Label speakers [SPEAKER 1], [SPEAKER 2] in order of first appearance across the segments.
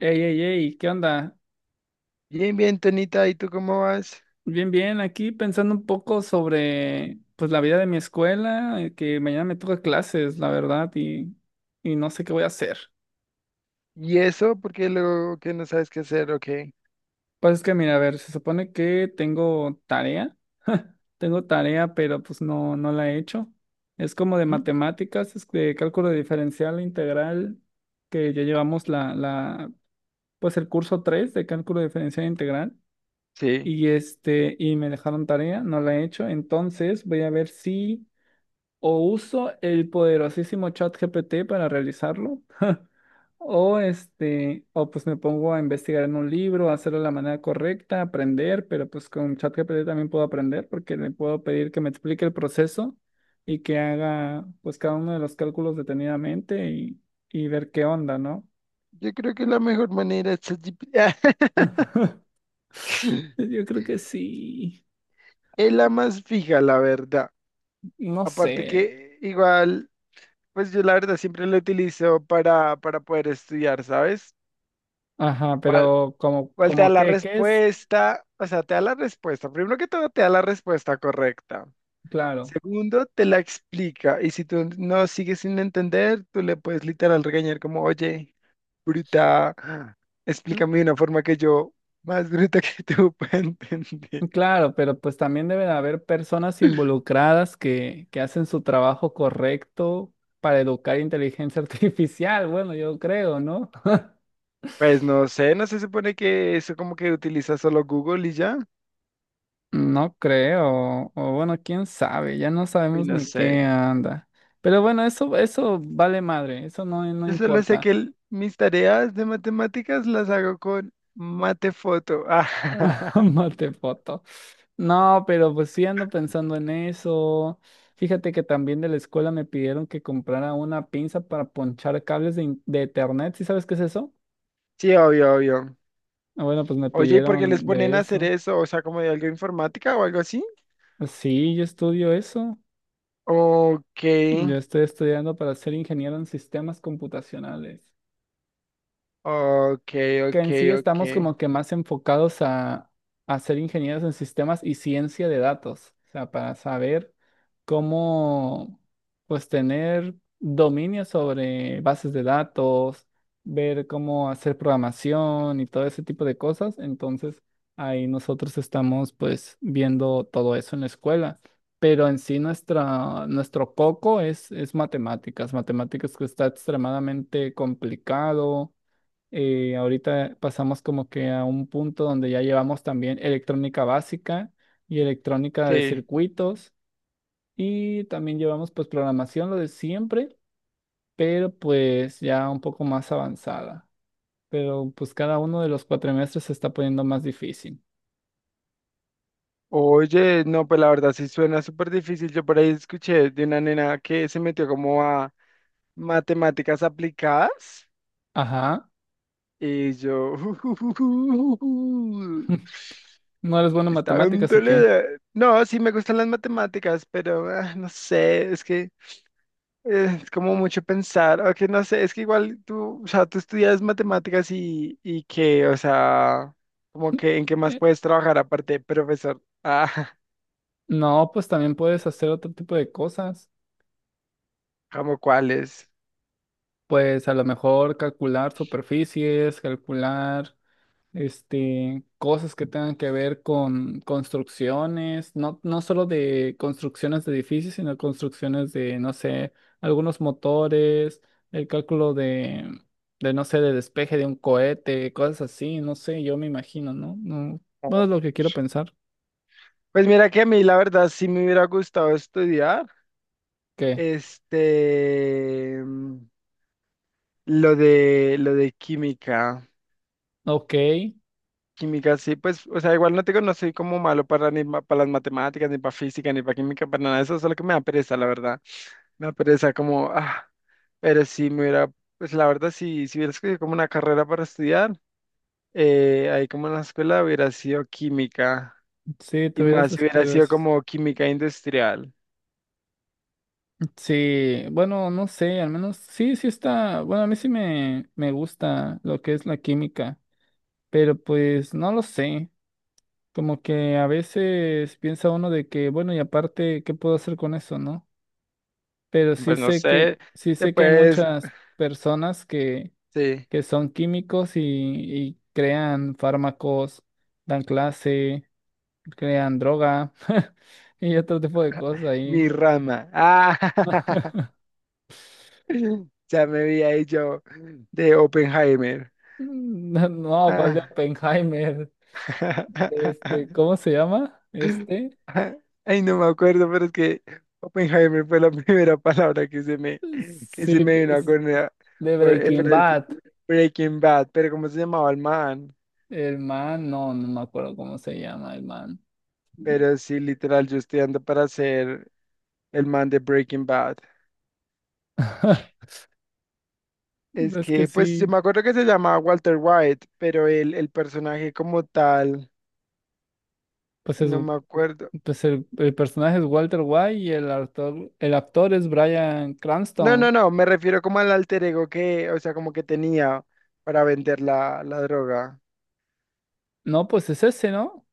[SPEAKER 1] Ey, ey, ey, ¿qué onda?
[SPEAKER 2] Bien, bien, Tonita, ¿y tú cómo vas?
[SPEAKER 1] Bien, bien, aquí pensando un poco sobre pues la vida de mi escuela, que mañana me toca clases, la verdad, y no sé qué voy a hacer.
[SPEAKER 2] ¿Y eso? Porque luego que no sabes qué hacer, ok.
[SPEAKER 1] Pues es que mira, a ver, se supone que tengo tarea, tengo tarea, pero pues no, no la he hecho. Es como de
[SPEAKER 2] ¿Mm?
[SPEAKER 1] matemáticas, es de cálculo diferencial e integral, que ya llevamos pues el curso 3 de cálculo diferencial e integral.
[SPEAKER 2] Sí.
[SPEAKER 1] Y y me dejaron tarea, no la he hecho. Entonces voy a ver si o uso el poderosísimo chat GPT para realizarlo. O o pues me pongo a investigar en un libro, hacerlo de la manera correcta, aprender, pero pues con chat ChatGPT también puedo aprender porque le puedo pedir que me explique el proceso y que haga pues cada uno de los cálculos detenidamente y ver qué onda, ¿no?
[SPEAKER 2] Yo creo que la mejor manera es ChatGPT.
[SPEAKER 1] Yo creo que sí,
[SPEAKER 2] Es la más fija, la verdad.
[SPEAKER 1] no
[SPEAKER 2] Aparte
[SPEAKER 1] sé.
[SPEAKER 2] que igual, pues yo la verdad siempre lo utilizo para poder estudiar, ¿sabes?
[SPEAKER 1] Ajá,
[SPEAKER 2] ¿Cuál,
[SPEAKER 1] pero como,
[SPEAKER 2] cuál te da
[SPEAKER 1] como
[SPEAKER 2] la
[SPEAKER 1] que, ¿qué es?
[SPEAKER 2] respuesta? O sea, te da la respuesta. Primero que todo, te da la respuesta correcta.
[SPEAKER 1] Claro,
[SPEAKER 2] Segundo, te la explica. Y si tú no sigues sin entender, tú le puedes literal regañar como, oye, bruta,
[SPEAKER 1] mm,
[SPEAKER 2] explícame de una forma que yo, más bruta que tú, pueda entender.
[SPEAKER 1] claro, pero pues también deben haber personas involucradas que hacen su trabajo correcto para educar inteligencia artificial, bueno, yo creo, ¿no?
[SPEAKER 2] Pues no sé, no se supone que eso como que utiliza solo Google y ya.
[SPEAKER 1] No creo, o bueno, quién sabe, ya no
[SPEAKER 2] Y
[SPEAKER 1] sabemos
[SPEAKER 2] no
[SPEAKER 1] ni qué
[SPEAKER 2] sé.
[SPEAKER 1] anda. Pero bueno, eso vale madre, eso no, no
[SPEAKER 2] Yo solo sé
[SPEAKER 1] importa.
[SPEAKER 2] que mis tareas de matemáticas las hago con Matefoto. Ah,
[SPEAKER 1] Mate foto. No, pero pues sí ando pensando en eso. Fíjate que también de la escuela me pidieron que comprara una pinza para ponchar cables de internet. ¿Sí sabes qué es eso?
[SPEAKER 2] sí, obvio, obvio.
[SPEAKER 1] Ah, bueno, pues me
[SPEAKER 2] Oye, ¿y por qué les
[SPEAKER 1] pidieron
[SPEAKER 2] ponen
[SPEAKER 1] de
[SPEAKER 2] a hacer
[SPEAKER 1] eso.
[SPEAKER 2] eso? O sea, como de algo informática o algo así.
[SPEAKER 1] Pues sí, yo estudio eso.
[SPEAKER 2] Ok,
[SPEAKER 1] Yo estoy estudiando para ser ingeniero en sistemas computacionales,
[SPEAKER 2] Ok,
[SPEAKER 1] que
[SPEAKER 2] ok,
[SPEAKER 1] en sí
[SPEAKER 2] ok.
[SPEAKER 1] estamos como que más enfocados a ser ingenieros en sistemas y ciencia de datos, o sea, para saber cómo, pues, tener dominio sobre bases de datos, ver cómo hacer programación y todo ese tipo de cosas. Entonces, ahí nosotros estamos, pues, viendo todo eso en la escuela. Pero en sí nuestro foco es matemáticas, matemáticas que está extremadamente complicado. Ahorita pasamos como que a un punto donde ya llevamos también electrónica básica y electrónica de
[SPEAKER 2] Sí.
[SPEAKER 1] circuitos, y también llevamos pues programación, lo de siempre, pero pues ya un poco más avanzada. Pero pues cada uno de los cuatrimestres se está poniendo más difícil.
[SPEAKER 2] Oye, no, pues la verdad sí suena súper difícil. Yo por ahí escuché de una nena que se metió como a matemáticas aplicadas,
[SPEAKER 1] Ajá.
[SPEAKER 2] y yo
[SPEAKER 1] ¿No eres bueno en
[SPEAKER 2] estaba en
[SPEAKER 1] matemáticas o qué?
[SPEAKER 2] dolor. No, sí me gustan las matemáticas, pero no sé, es que es como mucho pensar, o que no sé, es que igual tú, o sea, tú estudias matemáticas y que, o sea, como que en qué más
[SPEAKER 1] Eh,
[SPEAKER 2] puedes trabajar aparte de profesor.
[SPEAKER 1] No, pues también puedes hacer otro tipo de cosas.
[SPEAKER 2] Como cuáles.
[SPEAKER 1] Pues a lo mejor calcular superficies, calcular cosas que tengan que ver con construcciones, no, no solo de construcciones de edificios, sino construcciones de, no sé, algunos motores, el cálculo de, no sé, de despeje de un cohete, cosas así, no sé, yo me imagino, ¿no? No, bueno,
[SPEAKER 2] Oh,
[SPEAKER 1] es lo que quiero pensar,
[SPEAKER 2] Pues mira que a mí la verdad sí me hubiera gustado estudiar,
[SPEAKER 1] que,
[SPEAKER 2] este, lo de química.
[SPEAKER 1] ok,
[SPEAKER 2] Química sí, pues, o sea, igual no tengo, no soy como malo para ni para las matemáticas, ni para física, ni para química, para nada de eso, solo que me da pereza, la verdad. Una pereza como, pero si me hubiera, pues la verdad, si, si hubiera escogido como una carrera para estudiar, ahí como en la escuela hubiera sido química,
[SPEAKER 1] sí,
[SPEAKER 2] y
[SPEAKER 1] tuvieras
[SPEAKER 2] más si hubiera
[SPEAKER 1] escrito
[SPEAKER 2] sido
[SPEAKER 1] eso.
[SPEAKER 2] como química industrial.
[SPEAKER 1] Sí, bueno, no sé, al menos sí, sí está, bueno, a mí sí me gusta lo que es la química, pero pues no lo sé. Como que a veces piensa uno de que, bueno, y aparte, ¿qué puedo hacer con eso, no? Pero
[SPEAKER 2] Pues no sé,
[SPEAKER 1] sí
[SPEAKER 2] te
[SPEAKER 1] sé que hay
[SPEAKER 2] puedes,
[SPEAKER 1] muchas personas
[SPEAKER 2] sí,
[SPEAKER 1] que son químicos y crean fármacos, dan clase, crean droga y otro tipo de cosas
[SPEAKER 2] mi
[SPEAKER 1] ahí.
[SPEAKER 2] rama. Ya me vi ahí yo de Oppenheimer.
[SPEAKER 1] No, no, ¿cuál de
[SPEAKER 2] Ah.
[SPEAKER 1] Oppenheimer? De ¿cómo se llama?
[SPEAKER 2] Ay, no me acuerdo, pero es que Oppenheimer fue la primera palabra que se
[SPEAKER 1] Sí,
[SPEAKER 2] me vino a
[SPEAKER 1] pues,
[SPEAKER 2] cornear.
[SPEAKER 1] de
[SPEAKER 2] Por, eh,
[SPEAKER 1] Breaking
[SPEAKER 2] pero-
[SPEAKER 1] Bad.
[SPEAKER 2] Breaking Bad, pero ¿cómo se llamaba el man?
[SPEAKER 1] El man, no, no me acuerdo cómo se llama el man.
[SPEAKER 2] Pero sí, literal, yo estoy ando para ser el man de Breaking Bad. Es
[SPEAKER 1] Es que
[SPEAKER 2] que, pues, yo
[SPEAKER 1] sí,
[SPEAKER 2] me acuerdo que se llamaba Walter White, pero el personaje como tal,
[SPEAKER 1] pues, es,
[SPEAKER 2] no me acuerdo.
[SPEAKER 1] pues el personaje es Walter White y el actor es Bryan
[SPEAKER 2] No,
[SPEAKER 1] Cranston.
[SPEAKER 2] no, no, me refiero como al alter ego que, o sea, como que tenía para vender la, la droga.
[SPEAKER 1] No, pues es ese, ¿no?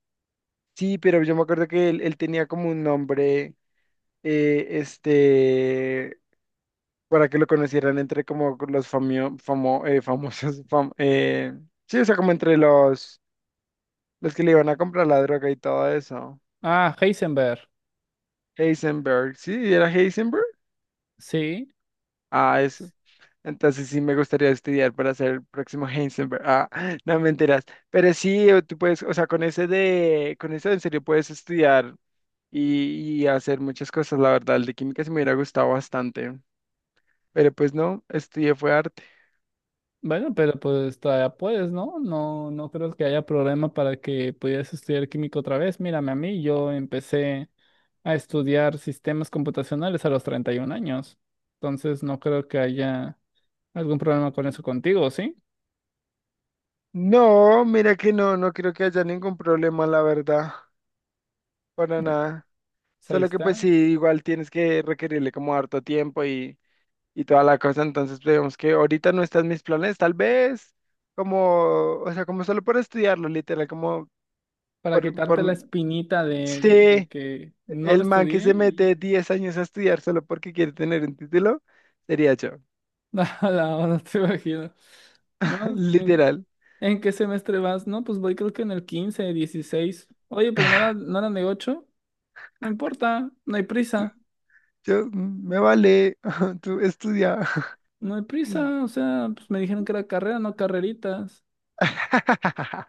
[SPEAKER 2] Sí, pero yo me acuerdo que él tenía como un nombre, eh, este, para que lo conocieran entre como los famosos, sí, o sea, como entre los que le iban a comprar la droga y todo eso.
[SPEAKER 1] Ah, Heisenberg.
[SPEAKER 2] Heisenberg, ¿sí? ¿Era Heisenberg?
[SPEAKER 1] Sí.
[SPEAKER 2] Ah, eso. Entonces sí me gustaría estudiar para ser el próximo Heisenberg. Ah, no me enteras. Pero sí, o tú puedes, o sea, con ese de, con eso en serio puedes estudiar y hacer muchas cosas, la verdad. El de química se me hubiera gustado bastante. Pero pues no, estudié fue arte.
[SPEAKER 1] Bueno, pero pues todavía puedes, ¿no? No, no creo que haya problema para que pudieras estudiar química otra vez. Mírame a mí, yo empecé a estudiar sistemas computacionales a los 31 años. Entonces no creo que haya algún problema con eso contigo, ¿sí?
[SPEAKER 2] No, mira que no, no creo que haya ningún problema, la verdad, para
[SPEAKER 1] Pues
[SPEAKER 2] nada.
[SPEAKER 1] ahí
[SPEAKER 2] Solo que pues
[SPEAKER 1] está,
[SPEAKER 2] sí, igual tienes que requerirle como harto tiempo y toda la cosa, entonces vemos que ahorita no están mis planes, tal vez como, o sea, como solo por estudiarlo, literal, como
[SPEAKER 1] para
[SPEAKER 2] por,
[SPEAKER 1] quitarte la espinita de
[SPEAKER 2] sí,
[SPEAKER 1] que no lo
[SPEAKER 2] el man que
[SPEAKER 1] estudié.
[SPEAKER 2] se
[SPEAKER 1] Y-
[SPEAKER 2] mete 10 años a estudiar solo porque quiere tener un título, sería yo,
[SPEAKER 1] no, no, no te imagino. No,
[SPEAKER 2] literal.
[SPEAKER 1] en qué semestre vas? No, pues voy creo que en el 15 dieciséis. Oye, pero no era, no eran de ocho. No importa, no hay prisa.
[SPEAKER 2] Yo, me vale, tú estudia.
[SPEAKER 1] No hay prisa, o sea, pues me dijeron que era carrera, no carreritas.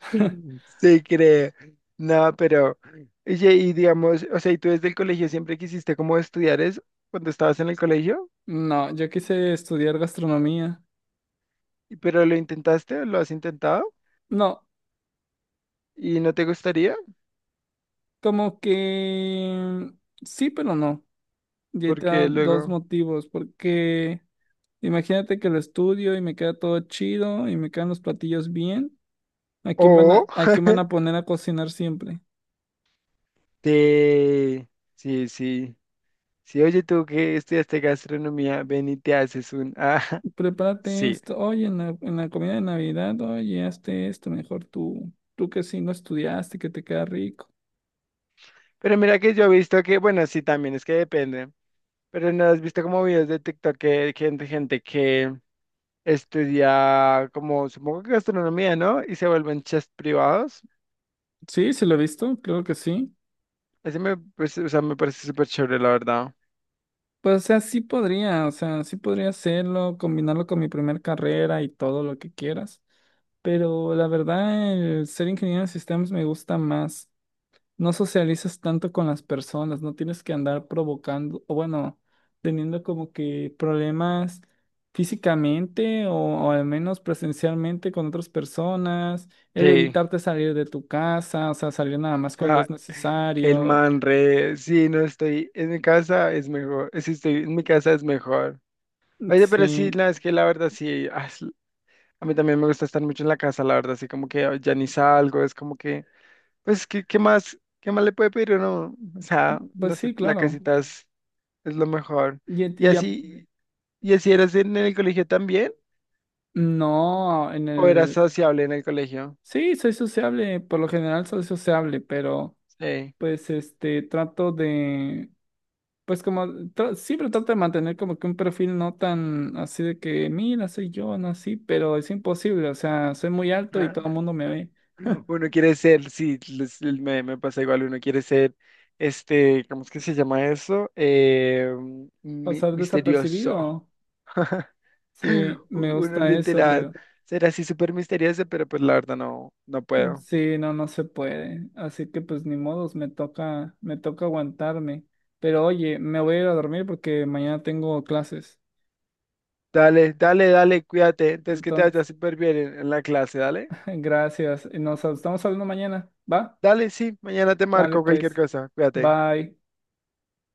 [SPEAKER 2] Sí, creo. No, pero, oye, y digamos, o sea, ¿y tú desde el colegio siempre quisiste como estudiar eso cuando estabas en el colegio?
[SPEAKER 1] No, yo quise estudiar gastronomía.
[SPEAKER 2] ¿Pero lo intentaste o lo has intentado?
[SPEAKER 1] No,
[SPEAKER 2] ¿Y no te gustaría?
[SPEAKER 1] como que sí, pero no. Y ahí te da
[SPEAKER 2] Porque
[SPEAKER 1] dos
[SPEAKER 2] luego...
[SPEAKER 1] motivos, porque imagínate que lo estudio y me queda todo chido y me quedan los platillos bien. ¿A quién van
[SPEAKER 2] O
[SPEAKER 1] a quién van a poner a cocinar siempre?
[SPEAKER 2] te... Sí, sí. Sí, oye, tú que estudiaste gastronomía, ven y te haces un... Ah,
[SPEAKER 1] Prepárate
[SPEAKER 2] sí.
[SPEAKER 1] esto, oye, en la comida de Navidad, oye, hazte esto, mejor tú, tú que sí no estudiaste, que te queda rico.
[SPEAKER 2] Pero mira que yo he visto que, bueno, sí, también es que depende. Pero no has visto como videos de TikTok que gente, gente que... estudia como, supongo que gastronomía, ¿no? Y se vuelven chefs privados.
[SPEAKER 1] Sí, sí lo he visto, claro que sí.
[SPEAKER 2] Ese me, parece, o sea, me parece súper chévere, la verdad.
[SPEAKER 1] Pues, o sea, sí podría, o sea, sí podría hacerlo, combinarlo con mi primer carrera y todo lo que quieras. Pero la verdad, el ser ingeniero de sistemas me gusta más. No socializas tanto con las personas, no tienes que andar provocando, o bueno, teniendo como que problemas físicamente o al menos presencialmente con otras personas, el
[SPEAKER 2] Sí.
[SPEAKER 1] evitarte salir de tu casa, o sea, salir nada más cuando es
[SPEAKER 2] Ah, el
[SPEAKER 1] necesario.
[SPEAKER 2] man re, sí, no estoy en mi casa, es mejor. Si estoy en mi casa, es mejor. Oye, pero sí,
[SPEAKER 1] Sí,
[SPEAKER 2] no, es que la verdad sí, ah, es- a mí también me gusta estar mucho en la casa, la verdad, así como que ah, ya ni salgo, es como que, pues, ¿qué, qué más le puede pedir uno? O sea,
[SPEAKER 1] pues
[SPEAKER 2] no sé,
[SPEAKER 1] sí,
[SPEAKER 2] la
[SPEAKER 1] claro.
[SPEAKER 2] casita es lo mejor.
[SPEAKER 1] Y,
[SPEAKER 2] Y
[SPEAKER 1] y ya,
[SPEAKER 2] así, y así eras en el colegio también.
[SPEAKER 1] no, en
[SPEAKER 2] O era
[SPEAKER 1] el,
[SPEAKER 2] sociable en el colegio.
[SPEAKER 1] sí, soy sociable, por lo general soy sociable, pero
[SPEAKER 2] Sí.
[SPEAKER 1] pues trato de... Pues como siempre trato de mantener como que un perfil no tan así de que, mira, soy yo, no así, pero es imposible, o sea, soy muy alto y
[SPEAKER 2] Ajá.
[SPEAKER 1] todo el mundo me ve.
[SPEAKER 2] Uno quiere ser, sí, les- me pasa igual, uno quiere ser, este, ¿cómo es que se llama eso?
[SPEAKER 1] Pasar
[SPEAKER 2] Misterioso.
[SPEAKER 1] desapercibido. Sí, me
[SPEAKER 2] Uno
[SPEAKER 1] gusta eso,
[SPEAKER 2] literal,
[SPEAKER 1] pero
[SPEAKER 2] ser así súper misterioso, pero pues la verdad no, no puedo.
[SPEAKER 1] sí, no, no se puede. Así que pues ni modos, me toca aguantarme. Pero oye, me voy a ir a dormir porque mañana tengo clases.
[SPEAKER 2] Dale, dale, dale, cuídate. Entonces que te vaya
[SPEAKER 1] Entonces,
[SPEAKER 2] súper bien en la clase, dale.
[SPEAKER 1] gracias. Nos estamos hablando mañana, ¿va?
[SPEAKER 2] Dale, sí, mañana te
[SPEAKER 1] Dale
[SPEAKER 2] marco cualquier
[SPEAKER 1] pues.
[SPEAKER 2] cosa, cuídate.
[SPEAKER 1] Bye.